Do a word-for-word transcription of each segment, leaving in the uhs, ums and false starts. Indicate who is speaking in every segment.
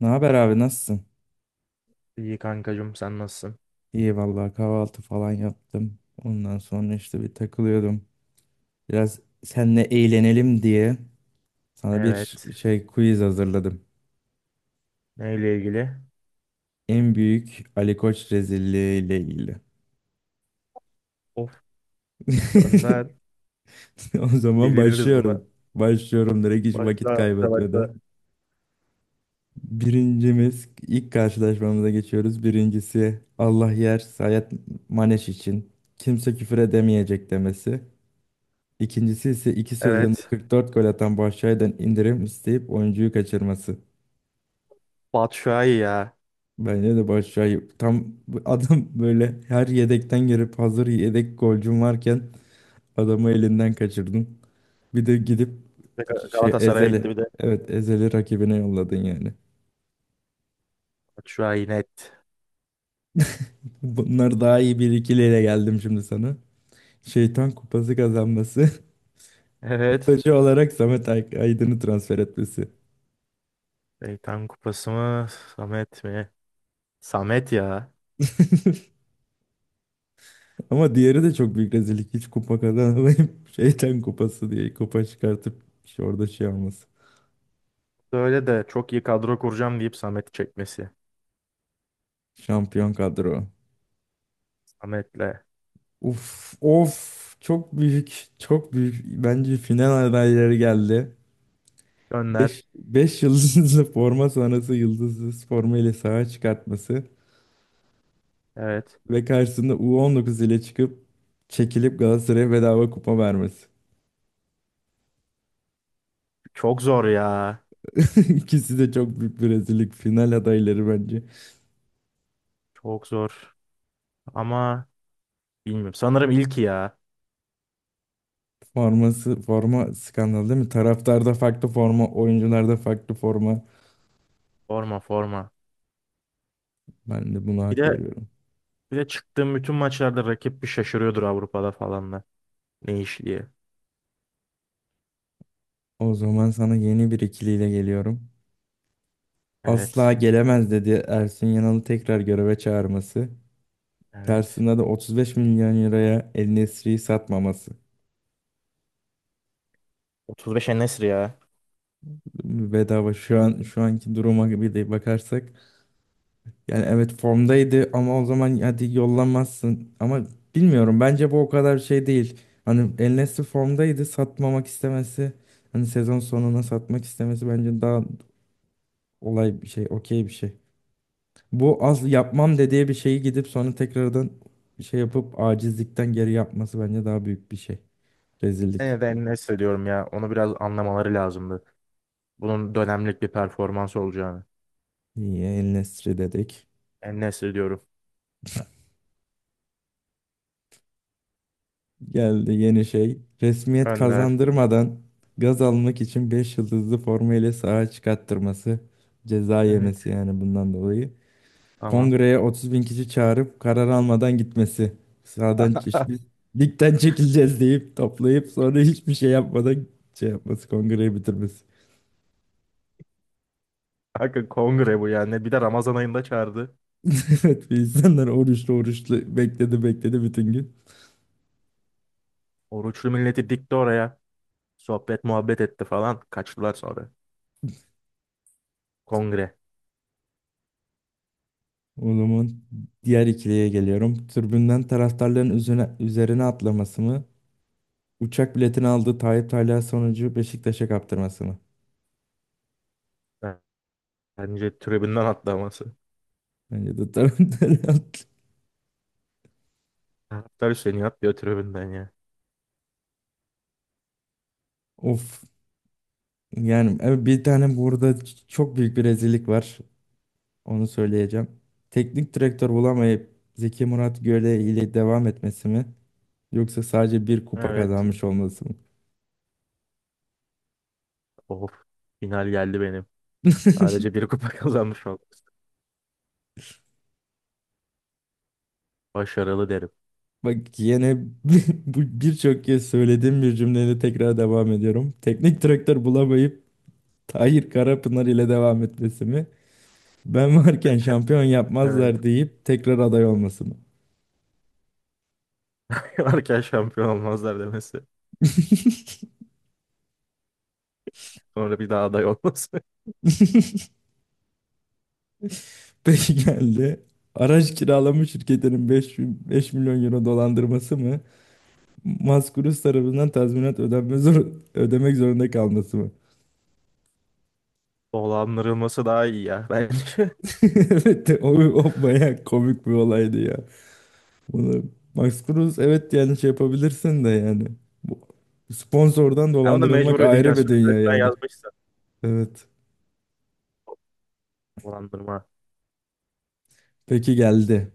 Speaker 1: Ne haber abi nasılsın?
Speaker 2: İyi kankacığım sen nasılsın?
Speaker 1: İyi vallahi kahvaltı falan yaptım. Ondan sonra işte bir takılıyordum. Biraz seninle eğlenelim diye sana bir
Speaker 2: Evet.
Speaker 1: şey quiz hazırladım.
Speaker 2: Neyle ilgili?
Speaker 1: En büyük Ali Koç rezilliği ile ilgili.
Speaker 2: Of, gönder.
Speaker 1: O zaman
Speaker 2: Deliririz buna.
Speaker 1: başlıyorum. Başlıyorum direkt hiç vakit
Speaker 2: Başla, başla, başla.
Speaker 1: kaybetmeden. Birincimiz ilk karşılaşmamıza geçiyoruz. Birincisi Allah yer Sayet Maneş için. Kimse küfür edemeyecek demesi. İkincisi ise ikisi üzerinde
Speaker 2: Evet.
Speaker 1: kırk dört gol atan Başak'tan indirim isteyip oyuncuyu kaçırması.
Speaker 2: Batshuayi ya.
Speaker 1: Bence de Başak'ı tam bu adam böyle her yedekten girip hazır yedek golcüm varken adamı elinden kaçırdın. Bir de gidip
Speaker 2: Bir de Ga-
Speaker 1: şey
Speaker 2: Galatasaray'a gitti
Speaker 1: Ezeli.
Speaker 2: bir de.
Speaker 1: Evet Ezeli rakibine yolladın yani.
Speaker 2: Batshuayi net.
Speaker 1: Bunlar daha iyi bir ikiliyle geldim şimdi sana. Şeytan kupası kazanması.
Speaker 2: Evet.
Speaker 1: Taşı olarak Samet Ay- Aydın'ı transfer etmesi.
Speaker 2: Şeytan Kupası mı? Samet mi? Samet ya.
Speaker 1: Ama diğeri de çok büyük rezillik. Hiç kupa kazanamayıp şeytan kupası diye kupa çıkartıp işte orada şey olması.
Speaker 2: Böyle de çok iyi kadro kuracağım deyip Samet'i çekmesi.
Speaker 1: Şampiyon kadro.
Speaker 2: Samet'le.
Speaker 1: Uf of, çok büyük çok büyük. Bence final adayları geldi.
Speaker 2: Gönder.
Speaker 1: beş beş yıldızlı forma sonrası yıldızsız forma ile sahaya çıkartması
Speaker 2: Evet.
Speaker 1: ve karşısında U on dokuz ile çıkıp çekilip Galatasaray'a bedava kupa vermesi.
Speaker 2: Çok zor ya.
Speaker 1: İkisi de çok büyük bir rezillik. Final adayları bence.
Speaker 2: Çok zor. Ama bilmiyorum. Sanırım ilki ya.
Speaker 1: Forması, forma skandalı değil mi? Taraftarda farklı forma, oyuncularda farklı forma.
Speaker 2: Forma, forma.
Speaker 1: Ben de buna
Speaker 2: Bir
Speaker 1: hak
Speaker 2: de
Speaker 1: veriyorum.
Speaker 2: Bir de çıktığım bütün maçlarda rakip bir şaşırıyordur Avrupa'da falan da. Ne iş diye.
Speaker 1: O zaman sana yeni bir ikiliyle geliyorum. Asla
Speaker 2: Evet.
Speaker 1: gelemez dedi Ersun Yanal'ı tekrar göreve çağırması.
Speaker 2: Evet.
Speaker 1: Karşısında da otuz beş milyon liraya El Nesri'yi satmaması.
Speaker 2: otuz beş En-Nesyri ya.
Speaker 1: Bedava şu an şu anki duruma bir de bakarsak yani evet formdaydı ama o zaman hadi yollamazsın. Ama bilmiyorum, bence bu o kadar şey değil. Hani El Nesri formdaydı satmamak istemesi. Hani sezon sonuna satmak istemesi bence daha olay bir şey, okey bir şey. Bu az yapmam dediği bir şeyi gidip sonra tekrardan şey yapıp acizlikten geri yapması bence daha büyük bir şey. Rezillik.
Speaker 2: Yine de En-Nesyri diyorum ya. Onu biraz anlamaları lazımdı. Bunun dönemlik bir performans olacağını.
Speaker 1: İyi, El Nesri dedik.
Speaker 2: En-Nesyri diyorum.
Speaker 1: Geldi yeni şey. Resmiyet
Speaker 2: Gönder.
Speaker 1: kazandırmadan gaz almak için beş yıldızlı forma ile sahaya çıkarttırması. Ceza yemesi
Speaker 2: Evet.
Speaker 1: yani bundan dolayı.
Speaker 2: Tamam.
Speaker 1: Kongreye otuz bin kişi çağırıp karar almadan gitmesi. Sahadan çeşitli, ligden çekileceğiz deyip toplayıp sonra hiçbir şey yapmadan şey yapması. Kongreyi bitirmesi.
Speaker 2: Kanka kongre bu yani. Bir de Ramazan ayında çağırdı.
Speaker 1: Evet, insanlar oruçlu oruçlu bekledi bekledi bütün gün.
Speaker 2: Oruçlu milleti dikti oraya. Sohbet muhabbet etti falan. Kaçtılar sonra. Kongre.
Speaker 1: O zaman diğer ikiliye geliyorum. Tribünden taraftarların üzerine, üzerine atlaması mı? Uçak biletini aldığı Tayyip Talha sonucu Beşiktaş'a kaptırması mı?
Speaker 2: Bence tribünden atlaması.
Speaker 1: Bence de taraftarı haklı.
Speaker 2: Taraftar Hüseyin'i atlıyor tribünden ya.
Speaker 1: Of. Yani evet, bir tane burada ç- çok büyük bir rezillik var. Onu söyleyeceğim. Teknik direktör bulamayıp Zeki Murat Göle ile devam etmesi mi? Yoksa sadece bir kupa
Speaker 2: Evet.
Speaker 1: kazanmış olması mı?
Speaker 2: Of, final geldi benim. Sadece bir kupa kazanmış olması. Başarılı derim.
Speaker 1: Bak yine bu birçok kez söylediğim bir cümleyle tekrar devam ediyorum. Teknik direktör bulamayıp Tahir Karapınar ile devam etmesi mi? Ben varken şampiyon
Speaker 2: Evet.
Speaker 1: yapmazlar deyip tekrar aday olması mı?
Speaker 2: Varken şampiyon olmazlar demesi. Sonra bir daha aday olması.
Speaker 1: Peki geldi. Araç kiralama şirketinin beş beş milyon euro dolandırması mı? Maskurus tarafından tazminat ödenme zor, ödemek zorunda kalması mı?
Speaker 2: Dolandırılması daha iyi ya bence.
Speaker 1: Evet, o, o bayağı komik bir olaydı ya. Bunu Max Cruz, evet, yani şey yapabilirsin de yani. Bu sponsordan
Speaker 2: Ya ona
Speaker 1: dolandırılmak
Speaker 2: mecbur
Speaker 1: ayrı bir
Speaker 2: ödeyeceksin.
Speaker 1: dünya
Speaker 2: Sözleşmen
Speaker 1: yani.
Speaker 2: yazmışsın.
Speaker 1: Evet.
Speaker 2: Dolandırma.
Speaker 1: Peki geldi.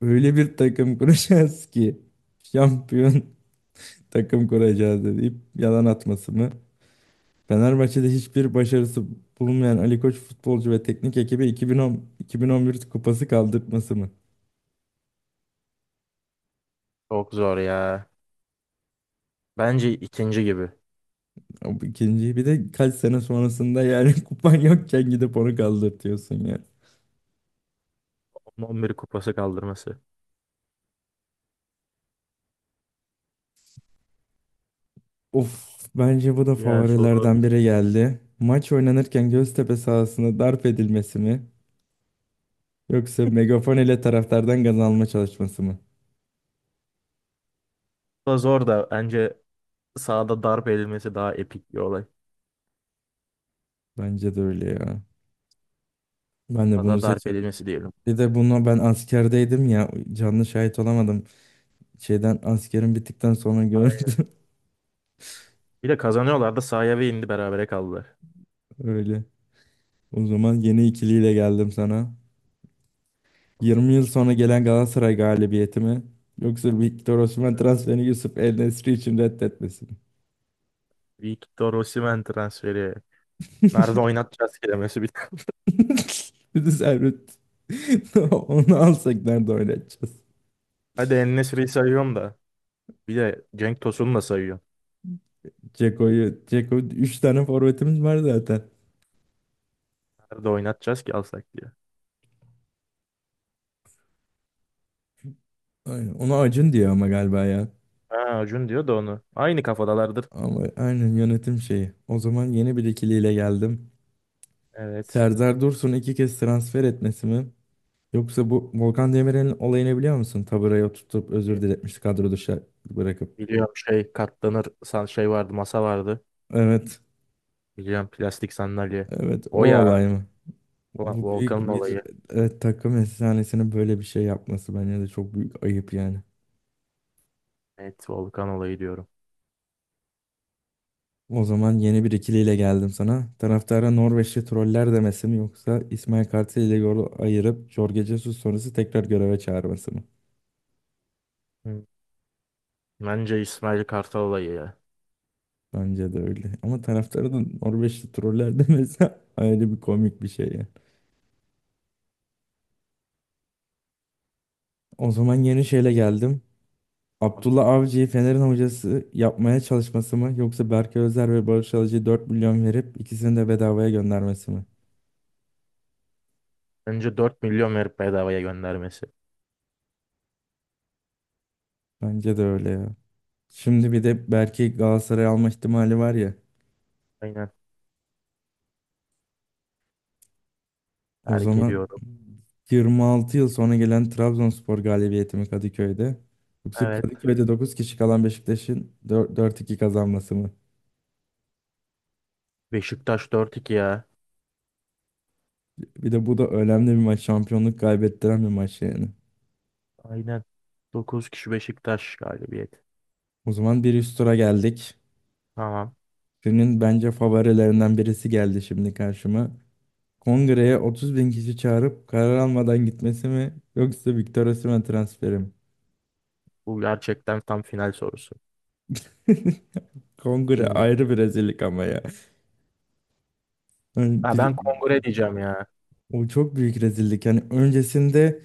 Speaker 1: Öyle bir takım kuracağız ki şampiyon takım kuracağız deyip yalan atması mı? Fenerbahçe'de hiçbir başarısı bulunmayan Ali Koç futbolcu ve teknik ekibi iki bin on iki bin on bir kupası kaldırtması mı?
Speaker 2: Çok zor ya. Bence ikinci gibi.
Speaker 1: Ya bu ikinciyi bir de kaç sene sonrasında yani kupan yokken gidip onu kaldırtıyorsun ya.
Speaker 2: Onun on bir kupası kaldırması.
Speaker 1: Of, bence bu da
Speaker 2: Diğer soru
Speaker 1: favorilerden biri geldi. Maç oynanırken Göztepe sahasında darp edilmesi mi? Yoksa megafon ile taraftardan gaz alma çalışması mı?
Speaker 2: da zor da bence sahada darp edilmesi daha epik bir olay.
Speaker 1: Bence de öyle ya. Ben de bunu
Speaker 2: Sahada darp
Speaker 1: seçerim.
Speaker 2: edilmesi diyelim.
Speaker 1: Bir de bunu ben askerdeydim ya, canlı şahit olamadım. Şeyden askerim bittikten sonra
Speaker 2: Aynen.
Speaker 1: gördüm
Speaker 2: Bir de kazanıyorlar da sahaya ve indi berabere kaldılar.
Speaker 1: öyle. O zaman yeni ikiliyle geldim sana. Yirmi yıl sonra gelen Galatasaray galibiyeti mi? Yoksa Victor Osimhen transferini Yusuf El-Nesri için reddetmesi mi?
Speaker 2: Victor Osimhen transferi. Nerede oynatacağız kelimesi bir tane.
Speaker 1: Bir de Servet. Onu alsak nerede oynatacağız?
Speaker 2: Hadi En-Nesyri'yi sayıyorum da. Bir de Cenk Tosun'u da sayıyorum.
Speaker 1: Ceko'yu, Ceko, üç tane forvetimiz var zaten.
Speaker 2: Nerede oynatacağız ki alsak diye.
Speaker 1: Aynen. Ona Acun diyor ama galiba ya.
Speaker 2: Ha, Acun diyor da onu. Aynı kafadalardır.
Speaker 1: Ama aynen yönetim şeyi. O zaman yeni bir ikiliyle geldim.
Speaker 2: Evet.
Speaker 1: Serdar Dursun iki kez transfer etmesi mi? Yoksa bu Volkan Demirel'in olayını biliyor musun? Taburaya tutup özür diletmişti kadro dışı bırakıp.
Speaker 2: Biliyorum, şey katlanır san şey vardı, masa vardı.
Speaker 1: Evet.
Speaker 2: Biliyorum, plastik sandalye.
Speaker 1: Evet, o
Speaker 2: O ya,
Speaker 1: olay mı?
Speaker 2: Vol-
Speaker 1: Bu büyük
Speaker 2: Volkan'ın
Speaker 1: bir,
Speaker 2: olayı.
Speaker 1: e, takım efsanesinin böyle bir şey yapması bence de çok büyük ayıp yani.
Speaker 2: Evet, Volkan olayı diyorum.
Speaker 1: O zaman yeni bir ikiliyle geldim sana. Taraftara Norveçli troller demesi mi yoksa İsmail Kartal ile yolu ayırıp Jorge Jesus sonrası tekrar göreve çağırması mı?
Speaker 2: Hı. Bence İsmail Kartal olayı ya.
Speaker 1: Bence de öyle. Ama taraftarı da Norveçli troller de mesela ayrı bir komik bir şey yani. O zaman yeni şeyle geldim.
Speaker 2: Tamam.
Speaker 1: Abdullah Avcı'yı Fener'in hocası yapmaya çalışması mı yoksa Berkay Özer ve Barış Alıcı'ya dört milyon verip ikisini de bedavaya göndermesi mi?
Speaker 2: Bence dört milyon verip bedavaya göndermesi.
Speaker 1: Bence de öyle ya. Şimdi bir de Berkay Galatasaray'a alma ihtimali var ya.
Speaker 2: Aynen.
Speaker 1: O
Speaker 2: Terk
Speaker 1: zaman
Speaker 2: ediyorum.
Speaker 1: yirmi altı yıl sonra gelen Trabzonspor galibiyeti mi Kadıköy'de? Yoksa
Speaker 2: Evet.
Speaker 1: Kadıköy'de dokuz kişi kalan Beşiktaş'ın dört iki kazanması mı?
Speaker 2: Beşiktaş dört iki ya.
Speaker 1: Bir de bu da önemli bir maç. Şampiyonluk kaybettiren bir maç yani.
Speaker 2: Aynen. Dokuz kişi Beşiktaş galibiyeti.
Speaker 1: O zaman bir üst tura geldik.
Speaker 2: Tamam.
Speaker 1: Günün bence favorilerinden birisi geldi şimdi karşıma. Kongreye otuz bin kişi çağırıp karar almadan gitmesi mi yoksa Victor Osimhen transferi mi?
Speaker 2: Bu gerçekten tam final sorusu.
Speaker 1: Kongre
Speaker 2: Bilmiyorum.
Speaker 1: ayrı bir rezillik ama ya. Yani
Speaker 2: Ha,
Speaker 1: bir,
Speaker 2: ben kongre diyeceğim ya.
Speaker 1: o çok büyük rezillik. Yani öncesinde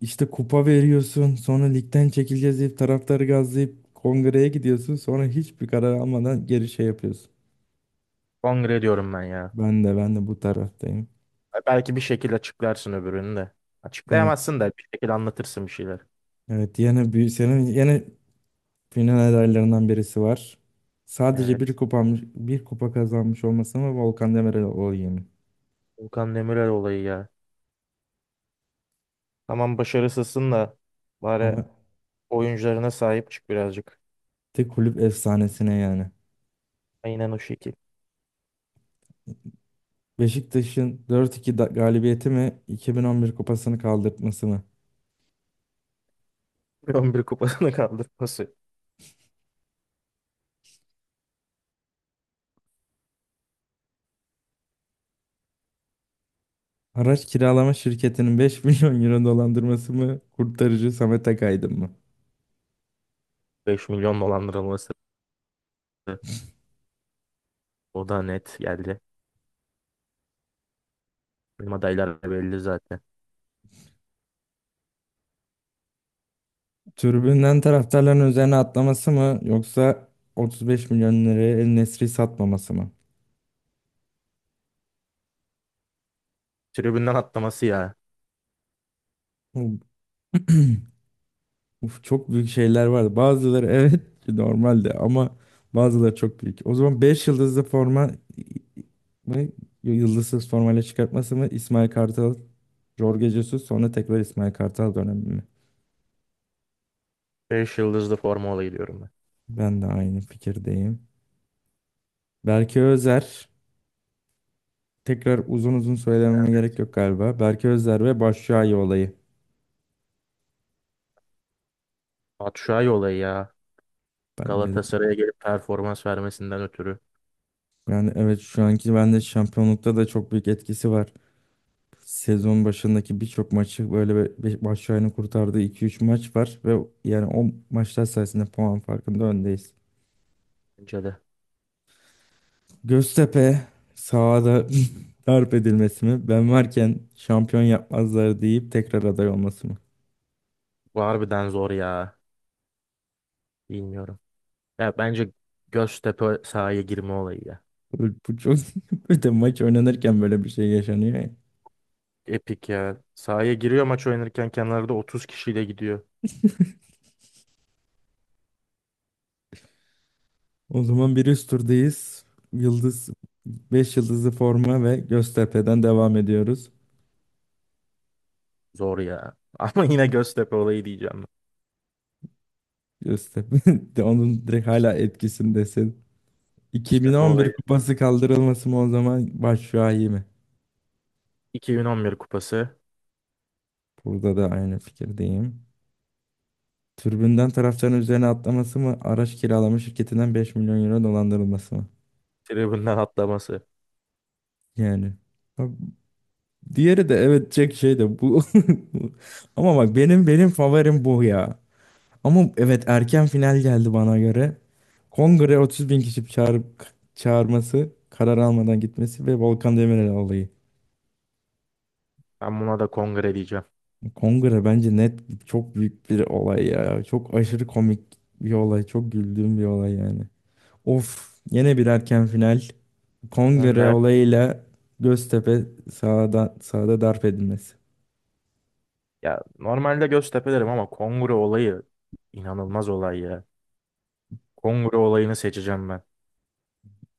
Speaker 1: işte kupa veriyorsun, sonra ligden çekileceğiz deyip taraftarı gazlayıp kongreye gidiyorsun, sonra hiçbir karar almadan geri şey yapıyorsun.
Speaker 2: Kongre diyorum ben ya.
Speaker 1: Ben de ben de bu taraftayım.
Speaker 2: Ha, belki bir şekilde açıklarsın öbürünü de.
Speaker 1: Evet.
Speaker 2: Açıklayamazsın da bir şekilde anlatırsın bir şeyler.
Speaker 1: Evet. Yine bir senin yine final adaylarından birisi var. Sadece
Speaker 2: Evet.
Speaker 1: bir kupanmış, bir kupa kazanmış olması mı, Volkan Demirel olayı mı?
Speaker 2: Volkan Demirel olayı ya. Tamam, başarısızsın da bari
Speaker 1: Ama
Speaker 2: oyuncularına sahip çık birazcık.
Speaker 1: de kulüp efsanesine yani.
Speaker 2: Aynen o şekil.
Speaker 1: Beşiktaş'ın dört iki da- galibiyeti mi, iki bin on bir kupasını kaldırtması mı?
Speaker 2: on bir kupasını kaldırması.
Speaker 1: Araç kiralama şirketinin beş milyon euro dolandırması mı? Kurtarıcı Samet Akaydın mı?
Speaker 2: Beş milyon dolandırılması. O da net geldi. Benim adaylar da belli zaten.
Speaker 1: Tribünden taraftarların üzerine atlaması mı yoksa otuz beş milyon liraya El Nesri satmaması mı?
Speaker 2: Tribünden atlaması ya.
Speaker 1: Uf, çok büyük şeyler vardı. Bazıları evet normaldi ama bazıları çok büyük. O zaman beş yıldızlı forma mı, yıldızsız formayla çıkartması mı, İsmail Kartal, Jorge Jesus sonra tekrar İsmail Kartal dönemi mi?
Speaker 2: Beş yıldızlı forma olayı diyorum ben.
Speaker 1: Ben de aynı fikirdeyim. Berke Özer, tekrar uzun uzun söylememe gerek yok galiba. Berke Özer ve Başşuayi olayı.
Speaker 2: Batshuayi olayı ya.
Speaker 1: Bence de.
Speaker 2: Galatasaray'a gelip performans vermesinden ötürü.
Speaker 1: Yani evet, şu anki bende şampiyonlukta da çok büyük etkisi var. Sezon başındaki birçok maçı böyle be- be- baş aynı kurtardığı iki üç maç var ve yani o maçlar sayesinde puan farkında öndeyiz.
Speaker 2: Bence de.
Speaker 1: Göztepe sahada darp edilmesi mi? Ben varken şampiyon yapmazlar deyip tekrar aday olması mı?
Speaker 2: Bu harbiden zor ya. Bilmiyorum. Ya bence Göztepe sahaya girme olayı ya.
Speaker 1: Bu bu çok bir de maç oynanırken böyle bir şey yaşanıyor ya.
Speaker 2: Epik ya. Sahaya giriyor maç oynarken kenarda otuz kişiyle gidiyor.
Speaker 1: O zaman bir üst turdayız. Yıldız beş yıldızlı forma ve Göztepe'den devam ediyoruz.
Speaker 2: Zor ya. Ama yine Göztepe olayı diyeceğim ben.
Speaker 1: Göztepe de, onun direkt hala etkisindesin.
Speaker 2: Göztepe
Speaker 1: iki bin on bir
Speaker 2: olayı.
Speaker 1: kupası kaldırılması mı, o zaman başşuayi mi?
Speaker 2: iki bin on bir kupası.
Speaker 1: Burada da aynı fikirdeyim. Türbünden taraftarın üzerine atlaması mı? Araç kiralama şirketinden beş milyon euro dolandırılması mı?
Speaker 2: Tribünden atlaması.
Speaker 1: Yani. Ha, diğeri de evet çek şey de bu. Ama bak benim benim favorim bu ya. Ama evet, erken final geldi bana göre. Kongre otuz bin kişi çağırıp çağırması, karar almadan gitmesi ve Volkan Demirel olayı.
Speaker 2: Ben buna da kongre diyeceğim.
Speaker 1: Kongre bence net çok büyük bir olay ya. Çok aşırı komik bir olay. Çok güldüğüm bir olay yani. Of, yine bir erken final. Kongre
Speaker 2: Önder.
Speaker 1: olayıyla Göztepe sahada, sahada darp edilmesi.
Speaker 2: Ya normalde Göztepe derim ama kongre olayı inanılmaz olay ya. Kongre olayını seçeceğim ben.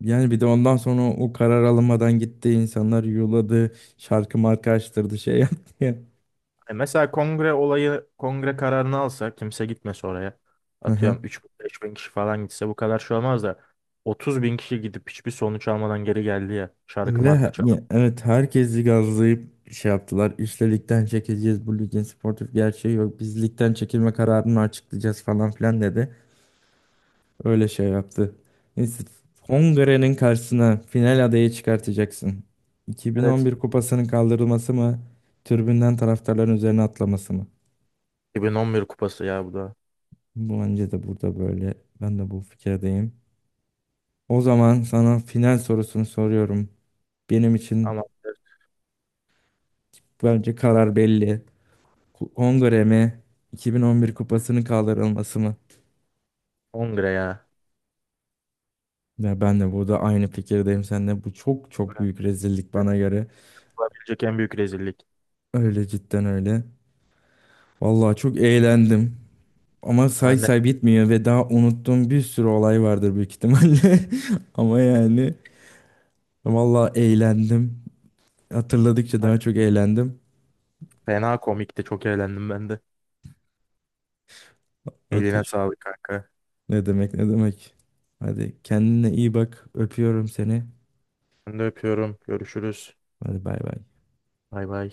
Speaker 1: Yani bir de ondan sonra o karar alınmadan gitti. İnsanlar yuladı. Şarkı marka açtırdı, şey yaptı ya.
Speaker 2: E mesela kongre olayı, kongre kararını alsa kimse gitmese oraya.
Speaker 1: Aha.
Speaker 2: Atıyorum üç beş bin kişi falan gitse bu kadar şey olmaz da. Otuz bin kişi gidip hiçbir sonuç almadan geri geldi ya. Şarkı markı
Speaker 1: Ve ya,
Speaker 2: çalıp.
Speaker 1: evet, herkesi gazlayıp şey yaptılar. İşte ligden çekeceğiz, bu ligin sportif gerçeği yok, biz ligden çekilme kararını açıklayacağız falan filan dedi. Öyle şey yaptı. Neyse. Hongre'nin karşısına final adayı çıkartacaksın.
Speaker 2: Evet.
Speaker 1: iki bin on bir kupasının kaldırılması mı? Tribünden taraftarların üzerine atlaması mı?
Speaker 2: iki bin on bir kupası ya bu da.
Speaker 1: Bu bence de burada böyle. Ben de bu fikirdeyim. O zaman sana final sorusunu soruyorum. Benim için
Speaker 2: Ama
Speaker 1: bence karar belli. Ku- Hongre mi? iki bin on bir kupasının kaldırılması mı?
Speaker 2: kongre ya.
Speaker 1: Ya ben de burada aynı fikirdeyim seninle. Bu çok çok büyük rezillik bana göre.
Speaker 2: Olabilecek en büyük rezillik.
Speaker 1: Öyle cidden, öyle. Vallahi çok eğlendim. Ama say
Speaker 2: Ben de
Speaker 1: say bitmiyor ve daha unuttuğum bir sürü olay vardır büyük ihtimalle. Ama yani, valla eğlendim. Hatırladıkça daha çok eğlendim.
Speaker 2: fena komikti. Çok eğlendim ben de. Eline
Speaker 1: Ateş.
Speaker 2: sağlık kanka.
Speaker 1: Ne demek, ne demek. Hadi kendine iyi bak. Öpüyorum seni.
Speaker 2: Ben de öpüyorum. Görüşürüz.
Speaker 1: Hadi bay bay.
Speaker 2: Bay bay.